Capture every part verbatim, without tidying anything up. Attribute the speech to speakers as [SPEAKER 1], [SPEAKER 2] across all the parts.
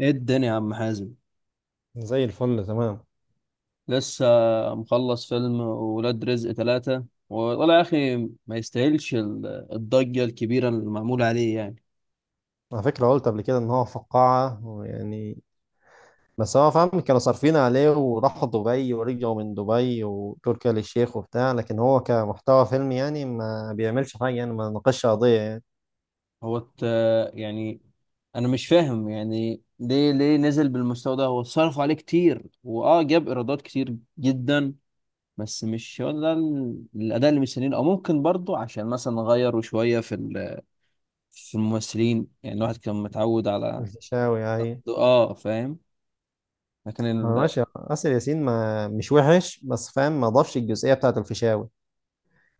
[SPEAKER 1] ايه الدنيا يا عم حازم.
[SPEAKER 2] زي الفل تمام.
[SPEAKER 1] لسه مخلص فيلم ولاد رزق ثلاثة، والله يا أخي ما يستاهلش ال- الضجة الكبيرة المعمولة عليه يعني.
[SPEAKER 2] على فكرة قلت قبل كده إن هو فقاعة يعني، بس هو فاهم كانوا صارفين عليه وراحوا دبي ورجعوا من دبي وتركيا للشيخ وبتاع، لكن هو كمحتوى فيلم يعني ما بيعملش حاجة يعني، ما ناقشش قضية يعني.
[SPEAKER 1] هو الت- يعني أنا مش فاهم يعني ليه ليه نزل بالمستوى ده. هو صرف عليه كتير وأه جاب إيرادات كتير جدا. بس مش هو ده ال- الأداء اللي مستنيينه، أو ممكن برضه عشان مثلا غيروا شوية في ال- في الممثلين. يعني الواحد كان متعود على،
[SPEAKER 2] الفيشاوي يعني.
[SPEAKER 1] آه فاهم. لكن
[SPEAKER 2] هو
[SPEAKER 1] ال...
[SPEAKER 2] ماشي آسر ياسين ما مش وحش، بس فاهم ما ضافش الجزئية بتاعة الفيشاوي.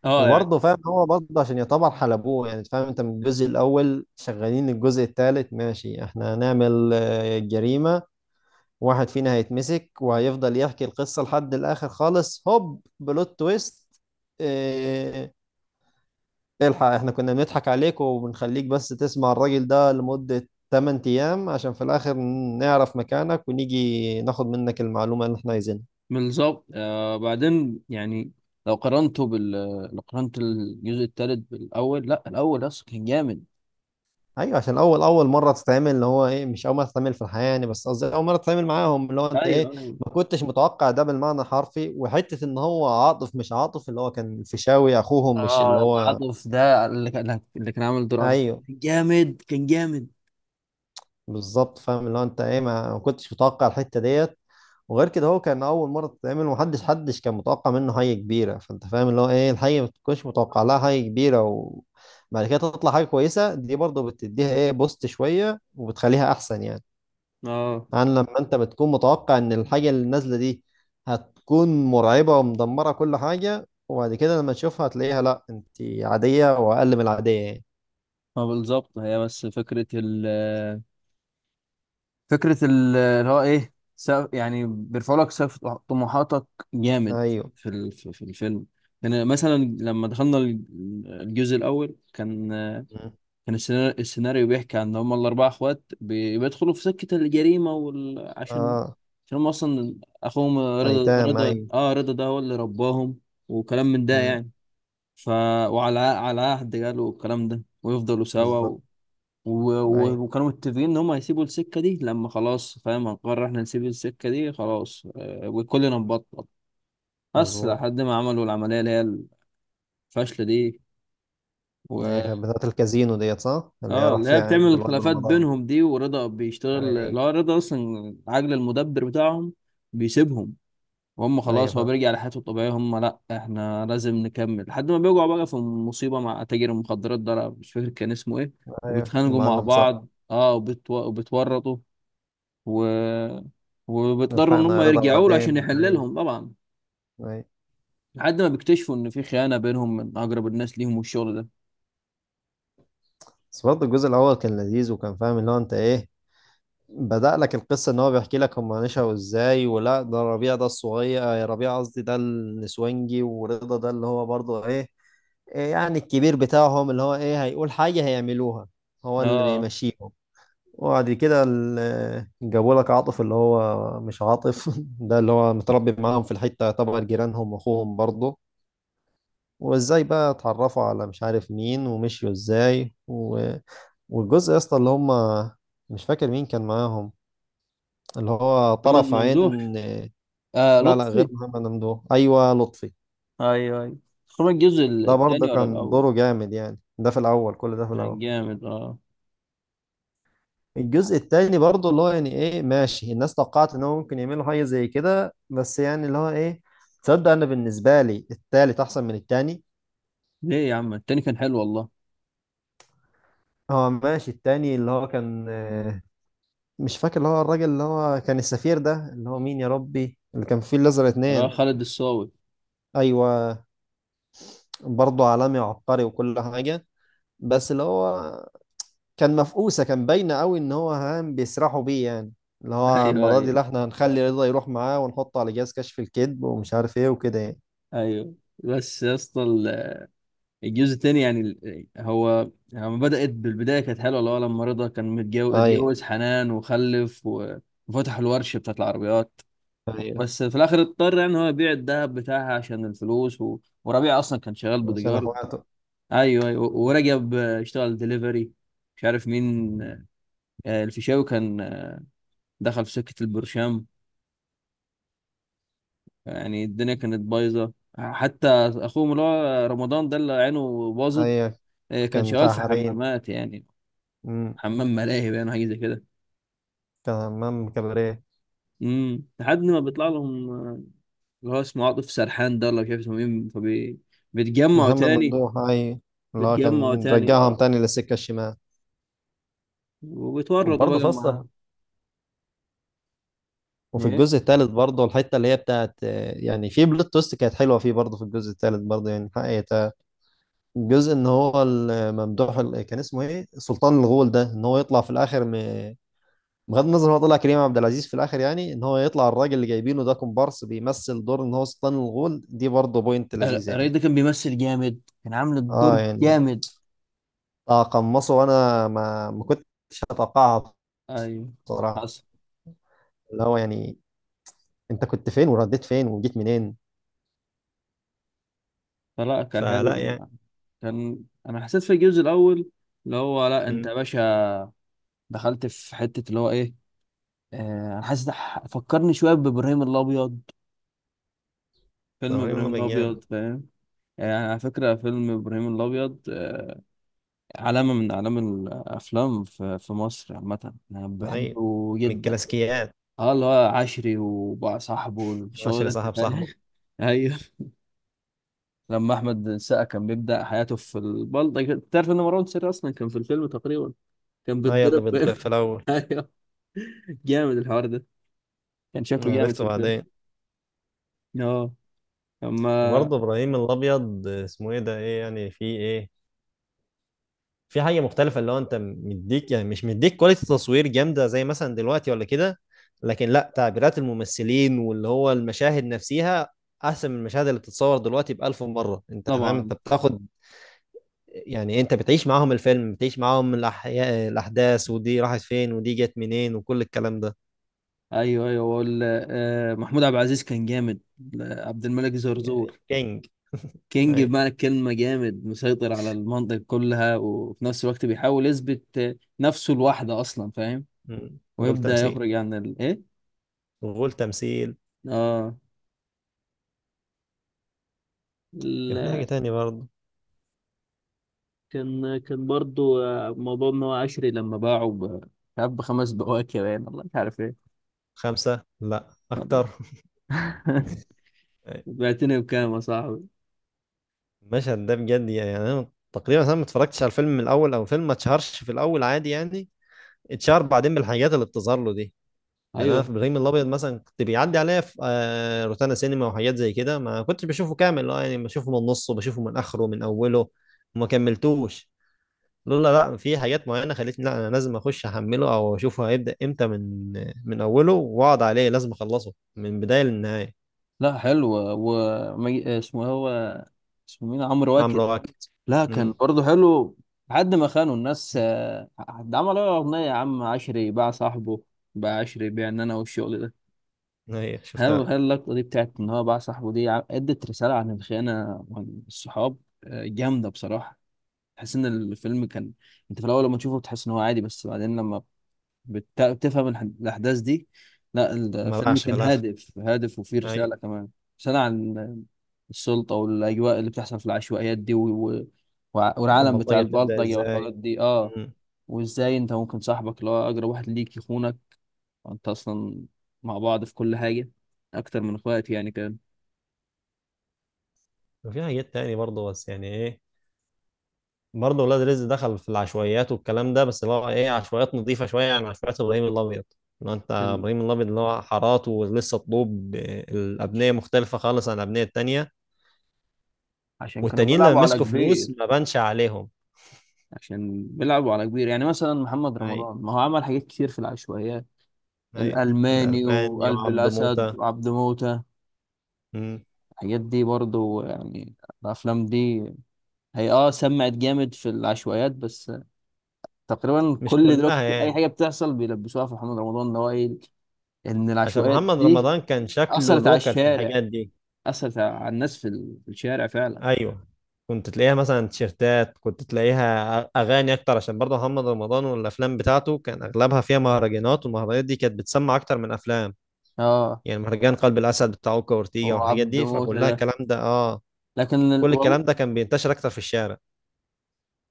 [SPEAKER 1] اه يعني.
[SPEAKER 2] وبرضه فاهم هو برضه عشان يعتبر حلبوه يعني، فاهم انت من الجزء الأول شغالين الجزء الثالث ماشي، احنا هنعمل آه، جريمة. واحد فينا هيتمسك وهيفضل يحكي القصة لحد الآخر خالص، هوب بلوت تويست. إيه الحق، احنا كنا بنضحك عليك وبنخليك بس تسمع الراجل ده لمدة ثمانية أيام عشان في الآخر نعرف مكانك ونيجي ناخد منك المعلومة اللي احنا عايزينها.
[SPEAKER 1] بالظبط، آه بعدين يعني لو قارنته بال لو قارنت الجزء الثالث بالاول. لا الاول اصلا كان جامد.
[SPEAKER 2] أيوة، عشان أول أول مرة تتعمل، اللي هو إيه، مش أول مرة تتعمل في الحياة يعني، بس قصدي أول مرة تتعامل معاهم، اللي هو أنت
[SPEAKER 1] ايوه
[SPEAKER 2] إيه،
[SPEAKER 1] ايوه.
[SPEAKER 2] ما كنتش متوقع ده بالمعنى الحرفي، وحتة إن هو عاطف، مش عاطف اللي هو كان الفيشاوي أخوهم، مش اللي
[SPEAKER 1] اه
[SPEAKER 2] هو.
[SPEAKER 1] العاطف ده اللي كان اللي كان عامل دور عاطف،
[SPEAKER 2] أيوه
[SPEAKER 1] كان جامد كان جامد.
[SPEAKER 2] بالظبط، فاهم اللي هو انت ايه، ما ما كنتش متوقع الحته ديت. وغير كده هو كان اول مره تتعمل، ومحدش حدش كان متوقع منه حاجه كبيره، فانت فاهم اللي هو ايه، الحاجه ما تكونش متوقع لها حاجه كبيره وبعد كده تطلع حاجه كويسه، دي برضه بتديها ايه، بوست شويه وبتخليها احسن يعني.
[SPEAKER 1] اه
[SPEAKER 2] عن لما انت بتكون متوقع ان الحاجه اللي نازله دي هتكون مرعبه ومدمره كل حاجه، وبعد كده لما تشوفها هتلاقيها لا انت عاديه واقل من العاديه يعني.
[SPEAKER 1] ما بالظبط هي. بس فكره ال فكره ال- اللي هو ايه سقف، يعني بيرفعوا لك سقف طموحاتك، جامد
[SPEAKER 2] ايوه.
[SPEAKER 1] في ال- في في الفيلم. يعني مثلا لما دخلنا الجزء الاول كان،
[SPEAKER 2] مم.
[SPEAKER 1] كان السيناريو، السيناريو بيحكي عن إن هما الأربعة إخوات بي- بيدخلوا في سكة الجريمة وال... عشان،
[SPEAKER 2] اه.
[SPEAKER 1] عشان هما أصلا أخوهم رضا،
[SPEAKER 2] ايتام،
[SPEAKER 1] رضا
[SPEAKER 2] ايوه.
[SPEAKER 1] آه رضا ده هو اللي رباهم وكلام من ده
[SPEAKER 2] مم.
[SPEAKER 1] يعني. ف وعلى على عهد قالوا الكلام ده ويفضلوا سوا
[SPEAKER 2] بالظبط.
[SPEAKER 1] و... و...
[SPEAKER 2] اي.
[SPEAKER 1] و- وكانوا متفقين إن هما هيسيبوا السكة دي لما خلاص فاهم، هنقرر إحنا نسيب السكة دي خلاص، آه، وكلنا نبطل. بس
[SPEAKER 2] مظبوط.
[SPEAKER 1] لحد ما عملوا العملية اللي هي الفاشلة دي
[SPEAKER 2] اللي هي
[SPEAKER 1] و...
[SPEAKER 2] كانت بتاعت الكازينو ديت صح، اللي هي
[SPEAKER 1] اه
[SPEAKER 2] راح
[SPEAKER 1] اللي هي
[SPEAKER 2] فيها عين
[SPEAKER 1] بتعمل
[SPEAKER 2] الواد
[SPEAKER 1] الخلافات
[SPEAKER 2] رمضان.
[SPEAKER 1] بينهم دي. ورضا بيشتغل،
[SPEAKER 2] اي.
[SPEAKER 1] اللي هو رضا اصلا عجل المدبر بتاعهم، بيسيبهم. وهم
[SPEAKER 2] اي
[SPEAKER 1] خلاص هو
[SPEAKER 2] فاهم.
[SPEAKER 1] بيرجع لحياته الطبيعية، هم لا احنا لازم نكمل، لحد ما بيقعوا بقى في مصيبة مع تاجر المخدرات ده. أنا مش فاكر كان اسمه ايه.
[SPEAKER 2] اي
[SPEAKER 1] وبيتخانقوا مع
[SPEAKER 2] المعلم صح.
[SPEAKER 1] بعض اه وبتو... وبتورطوا و... وبيضطروا ان
[SPEAKER 2] الحقنا
[SPEAKER 1] هم
[SPEAKER 2] يا رضا
[SPEAKER 1] يرجعوا له عشان
[SPEAKER 2] بعدين،
[SPEAKER 1] يحل
[SPEAKER 2] اي.
[SPEAKER 1] لهم طبعا،
[SPEAKER 2] اي.
[SPEAKER 1] لحد ما بيكتشفوا ان في خيانة بينهم من اقرب الناس ليهم والشغل ده.
[SPEAKER 2] بس برضه الجزء الاول كان لذيذ، وكان فاهم اللي هو انت ايه، بدأ لك القصة ان هو بيحكي لك هم نشأوا ازاي، ولا ده ربيع ده الصغير، آه، ربيع قصدي ده النسوانجي، ورضا ده اللي هو برضه ايه، إيه يعني الكبير بتاعهم، اللي هو ايه هيقول حاجة هيعملوها، هو اللي
[SPEAKER 1] اه
[SPEAKER 2] بيمشيهم. وبعد كده ال- جابوا لك عاطف اللي هو مش عاطف ده اللي هو متربي معاهم في الحتة طبعا، جيرانهم واخوهم برضه. وازاي بقى اتعرفوا على مش عارف مين ومشيوا ازاي و... والجزء يا اسطى اللي هم، مش فاكر مين كان معاهم، اللي هو
[SPEAKER 1] محمد
[SPEAKER 2] طرف عين.
[SPEAKER 1] ممدوح، آه
[SPEAKER 2] لا لا، غير
[SPEAKER 1] لطفي.
[SPEAKER 2] محمد ممدوح، ايوه لطفي.
[SPEAKER 1] ايوه ايوه. خروج الجزء
[SPEAKER 2] ده برضه
[SPEAKER 1] الثاني ولا
[SPEAKER 2] كان
[SPEAKER 1] الاول؟
[SPEAKER 2] دوره جامد يعني، ده في الاول، كل ده في
[SPEAKER 1] كان
[SPEAKER 2] الاول.
[SPEAKER 1] جامد اه.
[SPEAKER 2] الجزء التاني برضه اللي هو يعني ايه، ماشي الناس توقعت ان هو ممكن يعملوا حاجه زي كده، بس يعني اللي هو ايه، تصدق انا بالنسبه لي التالت احسن من التاني.
[SPEAKER 1] ليه يا عم، التاني كان حلو والله.
[SPEAKER 2] هو ماشي التاني اللي هو كان، آه، مش فاكر اللي هو الراجل اللي هو كان السفير ده، اللي هو مين يا ربي، اللي كان فيه الازرق
[SPEAKER 1] اللي هو
[SPEAKER 2] اتنين.
[SPEAKER 1] خالد الصاوي.
[SPEAKER 2] ايوه. برضه عالمي وعبقري وكل حاجه، بس اللي هو كان مفقوسه، كان باينه قوي ان هو هام بيسرحوا بيه يعني، اللي هو
[SPEAKER 1] ايوه
[SPEAKER 2] المره دي لا
[SPEAKER 1] ايوه
[SPEAKER 2] احنا هنخلي رضا يروح معاه ونحطه على جهاز كشف الكذب ومش عارف ايه وكده يعني.
[SPEAKER 1] ايوه. بس يا اسطى ال- الجزء الثاني يعني ال- هو لما بدأت بالبداية كانت حلوة. اللي هو لما رضا كان متجوز،
[SPEAKER 2] ايوه
[SPEAKER 1] اتجوز حنان وخلف و- وفتح الورشة بتاعت العربيات.
[SPEAKER 2] ايوه.
[SPEAKER 1] بس في الآخر اضطر يعني هو يبيع الذهب بتاعها عشان الفلوس و... وربيع أصلا كان شغال
[SPEAKER 2] عشان
[SPEAKER 1] بوديجارد.
[SPEAKER 2] اخواته.
[SPEAKER 1] أيوه أيوه. ورجب اشتغل دليفري. مش عارف مين. آه، الفيشاوي كان، آه، دخل في سكة البرشام. يعني الدنيا كانت بايظة. حتى أخوهم اللي هو رمضان ده اللي عينه باظت،
[SPEAKER 2] ايوه.
[SPEAKER 1] آه، كان
[SPEAKER 2] كان
[SPEAKER 1] شغال في
[SPEAKER 2] بتاع حريم.
[SPEAKER 1] حمامات يعني،
[SPEAKER 2] امم.
[SPEAKER 1] حمام ملاهي يعني حاجة زي كده.
[SPEAKER 2] كان همام كباريه.
[SPEAKER 1] امم، لحد ما بيطلع لهم آه، اللي هو اسمه عاطف سرحان ده، ولا مش عارف اسمه مين. فبيتجمعوا
[SPEAKER 2] محمد
[SPEAKER 1] تاني.
[SPEAKER 2] ممدوح ايوه. اللي هو
[SPEAKER 1] بيتجمعوا
[SPEAKER 2] كان
[SPEAKER 1] تاني
[SPEAKER 2] رجعهم
[SPEAKER 1] اه،
[SPEAKER 2] تاني للسكه الشمال.
[SPEAKER 1] وبيتورطوا
[SPEAKER 2] وبرضه
[SPEAKER 1] بقى
[SPEAKER 2] فصل،
[SPEAKER 1] معاه.
[SPEAKER 2] وفي
[SPEAKER 1] ايه.
[SPEAKER 2] الجزء الثالث برضه الحته اللي هي بتاعت، آه، يعني في بلوت تويست كانت حلوه فيه، برضه في الجزء الثالث برضه يعني حقيقة. الجزء ان هو الممدوح ال- كان اسمه ايه سلطان الغول ده، ان هو يطلع في الاخر م- بغض النظر هو طلع كريم عبد العزيز في الاخر، يعني ان هو يطلع الراجل اللي جايبينه ده كومبارس بيمثل دور ان هو سلطان الغول، دي برضه بوينت لذيذه
[SPEAKER 1] الرئيس
[SPEAKER 2] يعني.
[SPEAKER 1] ده كان بيمثل جامد، كان عامل
[SPEAKER 2] اه
[SPEAKER 1] الدور
[SPEAKER 2] يعني
[SPEAKER 1] جامد.
[SPEAKER 2] تقمصه، وانا ما ما كنتش اتوقعها
[SPEAKER 1] ايوه.
[SPEAKER 2] بصراحه.
[SPEAKER 1] حصل.
[SPEAKER 2] اللي هو يعني انت كنت فين ورديت فين وجيت منين.
[SPEAKER 1] فلا كان
[SPEAKER 2] فلا
[SPEAKER 1] حلو.
[SPEAKER 2] يعني.
[SPEAKER 1] أنا- كان انا حسيت في الجزء الاول اللي هو لا انت
[SPEAKER 2] امم.
[SPEAKER 1] يا باشا، دخلت في حته اللي هو ايه، آه، انا حاسس ده ح- فكرني شويه بابراهيم الابيض، فيلم
[SPEAKER 2] ابراهيم
[SPEAKER 1] ابراهيم
[SPEAKER 2] الله بن جامع.
[SPEAKER 1] الابيض فاهم. يعني على فكره فيلم ابراهيم الابيض، آه، علامه من اعلام الافلام في في مصر عامه، انا
[SPEAKER 2] ايوه.
[SPEAKER 1] بحبه
[SPEAKER 2] من
[SPEAKER 1] جدا.
[SPEAKER 2] الكلاسيكيات.
[SPEAKER 1] اه اللي هو عشري وبقى صاحبه والشغل ده
[SPEAKER 2] عشرة
[SPEAKER 1] انت
[SPEAKER 2] صاحب
[SPEAKER 1] فاهم.
[SPEAKER 2] صاحبه.
[SPEAKER 1] ايوه، لما احمد السقا كان بيبدا حياته في البلطجه. تعرف ان مروان سري اصلا كان في الفيلم تقريبا، كان
[SPEAKER 2] ايوه اللي
[SPEAKER 1] بيتضرب ب-
[SPEAKER 2] بيتضرب في الاول.
[SPEAKER 1] ايوه، جامد الحوار ده، كان شكله جامد في
[SPEAKER 2] عرفته
[SPEAKER 1] الفيلم
[SPEAKER 2] بعدين.
[SPEAKER 1] اه. اما
[SPEAKER 2] وبرضه ابراهيم الابيض اسمه ايه ده، ايه يعني، في ايه، في حاجه مختلفه، اللي هو انت مديك يعني، مش مديك كواليتي تصوير جامده زي مثلا دلوقتي ولا كده، لكن لا تعبيرات الممثلين واللي هو المشاهد نفسها احسن من المشاهد اللي بتتصور دلوقتي بألف مره، انت فاهم،
[SPEAKER 1] طبعا.
[SPEAKER 2] انت بتاخد يعني، انت بتعيش معاهم الفيلم، بتعيش معاهم الأحياء الاحداث ودي راحت فين ودي جت منين وكل الكلام ده.
[SPEAKER 1] ايوه ايوه وال... آه، محمود عبد العزيز كان جامد. آه، عبد الملك
[SPEAKER 2] يعني
[SPEAKER 1] زرزور،
[SPEAKER 2] كينج.
[SPEAKER 1] كينج
[SPEAKER 2] اي.
[SPEAKER 1] بمعنى الكلمة، جامد مسيطر على المنطقة كلها، وفي نفس الوقت بيحاول يثبت آه، نفسه لوحده أصلا فاهم،
[SPEAKER 2] مم. غول
[SPEAKER 1] ويبدأ
[SPEAKER 2] تمثيل.
[SPEAKER 1] يخرج عن الإيه؟
[SPEAKER 2] غول تمثيل.
[SPEAKER 1] آه ال-
[SPEAKER 2] كان في حاجه تانية برضه.
[SPEAKER 1] كان كان برضو آه، موضوع إن هو عشري لما باعه ب- مش عارف بخمس بواكي باين، والله مش عارف إيه.
[SPEAKER 2] خمسه لا اكتر.
[SPEAKER 1] بعتني بكام يا صاحبي؟
[SPEAKER 2] المشهد ده بجد يعني، انا تقريبا انا ما اتفرجتش على الفيلم من الاول، او فيلم ما اتشهرش في الاول عادي يعني، اتشهر بعدين بالحاجات اللي بتظهر له دي. يعني انا في
[SPEAKER 1] ايوه.
[SPEAKER 2] ابراهيم الابيض مثلا كنت بيعدي عليا في آه، روتانا سينما وحاجات زي كده، ما كنتش بشوفه كامل اه يعني، بشوفه من نصه، بشوفه من اخره، من اوله وما كملتوش، لولا لا في حاجات معينه خلتني لا انا لازم اخش احمله او اشوفه هيبدا امتى، من من اوله واقعد عليه، لازم اخلصه من بدايه للنهايه.
[SPEAKER 1] لا حلو. و مي- اسمه إيه هو؟ اسمه مين؟ عمرو
[SPEAKER 2] عمرو
[SPEAKER 1] واكد.
[SPEAKER 2] واكد.
[SPEAKER 1] لا كان
[SPEAKER 2] امم.
[SPEAKER 1] برضه حلو لحد ما خانوا الناس. آه، ده عمل له اغنيه يا عم، عشري باع صاحبه، باع عشري بيع ان انا والشغل ده.
[SPEAKER 2] هي
[SPEAKER 1] هل
[SPEAKER 2] شفتها.
[SPEAKER 1] هل اللقطه دي بتاعت ان هو باع صاحبه دي، ع- ادت رساله عن الخيانه وعن الصحاب. آه، جامده بصراحه. تحس ان الفيلم كان، انت في الاول لما تشوفه بتحس ان هو عادي، بس بعدين لما بت- بتفهم الح- الأحداث دي، لا
[SPEAKER 2] ما
[SPEAKER 1] الفيلم
[SPEAKER 2] باعش في
[SPEAKER 1] كان
[SPEAKER 2] الاخر.
[SPEAKER 1] هادف، هادف وفيه
[SPEAKER 2] أيوة.
[SPEAKER 1] رسالة كمان. رسالة عن السلطة والأجواء اللي بتحصل في العشوائيات دي و... و... والعالم بتاع
[SPEAKER 2] والبلطجة بتبدأ
[SPEAKER 1] البلطجة
[SPEAKER 2] ازاي.
[SPEAKER 1] والحوارات دي اه،
[SPEAKER 2] مم.
[SPEAKER 1] وازاي انت ممكن صاحبك اللي هو أقرب واحد ليك يخونك، انت أصلا مع بعض في كل حاجة، أكتر من اخواتي يعني كان.
[SPEAKER 2] وفي حاجات تاني برضه بس يعني ايه، برضه ولاد رزق دخل في العشوائيات والكلام ده، بس اللي هو ايه عشوائيات نظيفة شوية عن عشوائيات ابراهيم الابيض، اللي هو انت
[SPEAKER 1] كان-
[SPEAKER 2] ابراهيم الابيض اللي هو حارات ولسه طلوب، آه، الابنية مختلفة خالص عن الابنية التانية.
[SPEAKER 1] عشان كانوا
[SPEAKER 2] والتانيين لما
[SPEAKER 1] بيلعبوا على
[SPEAKER 2] مسكوا فلوس
[SPEAKER 1] كبير.
[SPEAKER 2] ما بانش عليهم.
[SPEAKER 1] عشان بيلعبوا على كبير، يعني مثلا محمد
[SPEAKER 2] اي.
[SPEAKER 1] رمضان، ما هو عمل حاجات كتير في العشوائيات،
[SPEAKER 2] اي.
[SPEAKER 1] الألماني
[SPEAKER 2] الالماني
[SPEAKER 1] وقلب
[SPEAKER 2] وعبده
[SPEAKER 1] الأسد
[SPEAKER 2] موتة.
[SPEAKER 1] وعبد موتة.
[SPEAKER 2] مم.
[SPEAKER 1] الحاجات دي برضو يعني، الافلام دي، هي اه سمعت جامد في العشوائيات. بس تقريبا
[SPEAKER 2] مش
[SPEAKER 1] كل
[SPEAKER 2] كلها
[SPEAKER 1] دلوقتي اي
[SPEAKER 2] يعني،
[SPEAKER 1] حاجه بتحصل بيلبسوها في محمد رمضان، ان هو ايه ان
[SPEAKER 2] عشان
[SPEAKER 1] العشوائيات
[SPEAKER 2] محمد
[SPEAKER 1] دي
[SPEAKER 2] رمضان كان شكله
[SPEAKER 1] اثرت على
[SPEAKER 2] لوكال في
[SPEAKER 1] الشارع،
[SPEAKER 2] الحاجات دي.
[SPEAKER 1] اثرت على الناس في ال- في الشارع فعلا.
[SPEAKER 2] ايوه. كنت تلاقيها مثلا تيشيرتات، كنت تلاقيها أ- اغاني اكتر، عشان برضه محمد رمضان والافلام بتاعته كان اغلبها فيها مهرجانات، والمهرجانات دي كانت بتسمع اكتر من افلام،
[SPEAKER 1] اه
[SPEAKER 2] يعني مهرجان قلب الاسد بتاع اوكا وأورتيجا
[SPEAKER 1] هو
[SPEAKER 2] والحاجات
[SPEAKER 1] عبد
[SPEAKER 2] دي،
[SPEAKER 1] موتة
[SPEAKER 2] فكلها
[SPEAKER 1] ده،
[SPEAKER 2] الكلام ده اه.
[SPEAKER 1] لكن ال...
[SPEAKER 2] كل
[SPEAKER 1] والله
[SPEAKER 2] الكلام ده كان بينتشر اكتر في الشارع.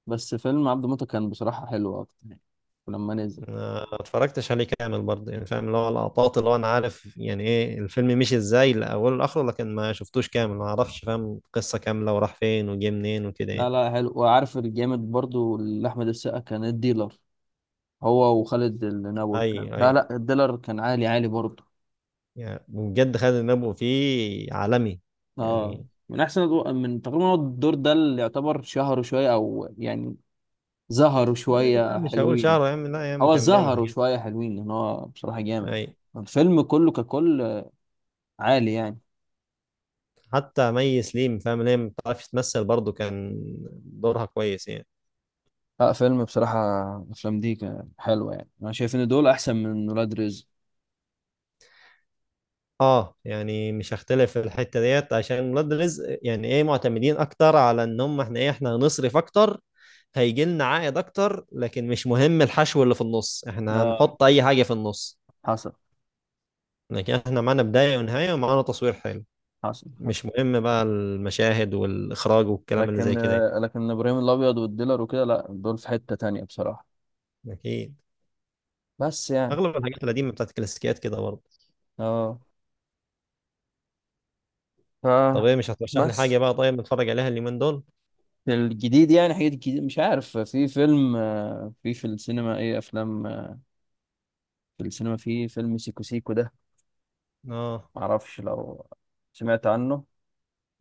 [SPEAKER 1] بس فيلم عبد موتة كان بصراحه حلو اكتر يعني لما نزل.
[SPEAKER 2] ما اتفرجتش عليه كامل برضه يعني، فاهم اللي هو لقطات، اللي هو انا عارف يعني ايه الفيلم مشي ازاي لاوله لاخره، لكن ما شفتوش كامل، ما اعرفش فاهم قصة كاملة وراح فين وجه منين وكده
[SPEAKER 1] لا
[SPEAKER 2] يعني.
[SPEAKER 1] لا حلو. وعارف الجامد برضو اللي احمد السقا كان الديلر، هو وخالد النبوي
[SPEAKER 2] اي
[SPEAKER 1] كان، لا
[SPEAKER 2] اي.
[SPEAKER 1] لا الديلر كان عالي عالي برضو
[SPEAKER 2] يعني بجد خالد النبوي فيه عالمي
[SPEAKER 1] اه.
[SPEAKER 2] يعني.
[SPEAKER 1] من احسن أدو... من تقريبا هو الدور ده اللي يعتبر شهروا شويه، او يعني ظهروا
[SPEAKER 2] لا
[SPEAKER 1] شويه
[SPEAKER 2] مش هقول
[SPEAKER 1] حلوين.
[SPEAKER 2] شعره يا عم، لا يا عم
[SPEAKER 1] هو
[SPEAKER 2] كان بيعمل
[SPEAKER 1] ظهروا
[SPEAKER 2] حاجات.
[SPEAKER 1] شويه حلوين لان هو بصراحه جامد،
[SPEAKER 2] أي.
[SPEAKER 1] الفيلم كله ككل عالي يعني.
[SPEAKER 2] حتى مي سليم فاهم ليه ما بتعرفش تمثل، برضه كان دورها كويس يعني.
[SPEAKER 1] لا فيلم بصراحه، افلام دي كان حلوه يعني. انا شايف ان دول احسن من ولاد رزق
[SPEAKER 2] اه يعني مش هختلف في الحتة ديت، عشان ولاد رزق يعني ايه معتمدين اكتر على ان هم احنا ايه، احنا هنصرف اكتر، هيجي لنا عائد اكتر، لكن مش مهم الحشو اللي في النص، احنا
[SPEAKER 1] اه.
[SPEAKER 2] هنحط اي حاجة في النص.
[SPEAKER 1] حصل
[SPEAKER 2] لكن احنا معانا بداية ونهاية ومعانا تصوير حلو،
[SPEAKER 1] حصل حصل.
[SPEAKER 2] مش مهم بقى المشاهد والإخراج والكلام اللي زي
[SPEAKER 1] لكن
[SPEAKER 2] كده يعني.
[SPEAKER 1] آه، لكن ابراهيم الابيض والديلر وكده، لا دول في حته تانية بصراحه.
[SPEAKER 2] أكيد.
[SPEAKER 1] بس يعني
[SPEAKER 2] أغلب الحاجات القديمة بتاعت الكلاسيكيات كده برضه.
[SPEAKER 1] اه ف
[SPEAKER 2] طب إيه، مش هترشح لي حاجة
[SPEAKER 1] بس
[SPEAKER 2] بقى طيب نتفرج عليها اليومين دول؟
[SPEAKER 1] الجديد يعني حاجات جديدة. مش عارف في فيلم، آه، في في السينما، ايه افلام، آه، في السينما، في فيلم سيكو سيكو ده،
[SPEAKER 2] آه.
[SPEAKER 1] معرفش لو سمعت عنه.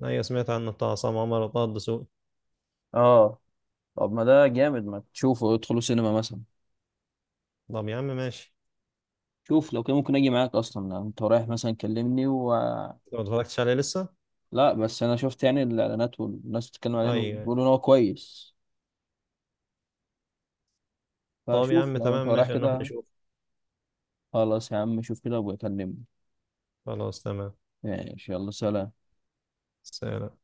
[SPEAKER 2] أيوة سمعت عنه، بتاع عصام عمر وطه الدسوقي.
[SPEAKER 1] اه طب ما ده جامد، ما تشوفه، ادخلوا سينما مثلا.
[SPEAKER 2] طب يا عم ماشي.
[SPEAKER 1] شوف لو كان ممكن اجي معاك، اصلا انت رايح مثلا كلمني و،
[SPEAKER 2] لو ما اتفرجتش عليه لسه؟
[SPEAKER 1] لا بس انا شفت يعني الاعلانات، والناس بتتكلم عليه
[SPEAKER 2] أيوة.
[SPEAKER 1] وبيقولوا ان هو كويس.
[SPEAKER 2] طب يا
[SPEAKER 1] فشوف
[SPEAKER 2] عم
[SPEAKER 1] لو انت
[SPEAKER 2] تمام
[SPEAKER 1] رايح
[SPEAKER 2] ماشي نروح
[SPEAKER 1] كده.
[SPEAKER 2] نشوف.
[SPEAKER 1] خلاص يا عم شوف كده وبكلمني.
[SPEAKER 2] خلاص تمام.
[SPEAKER 1] ماشي يلا سلام.
[SPEAKER 2] سلام.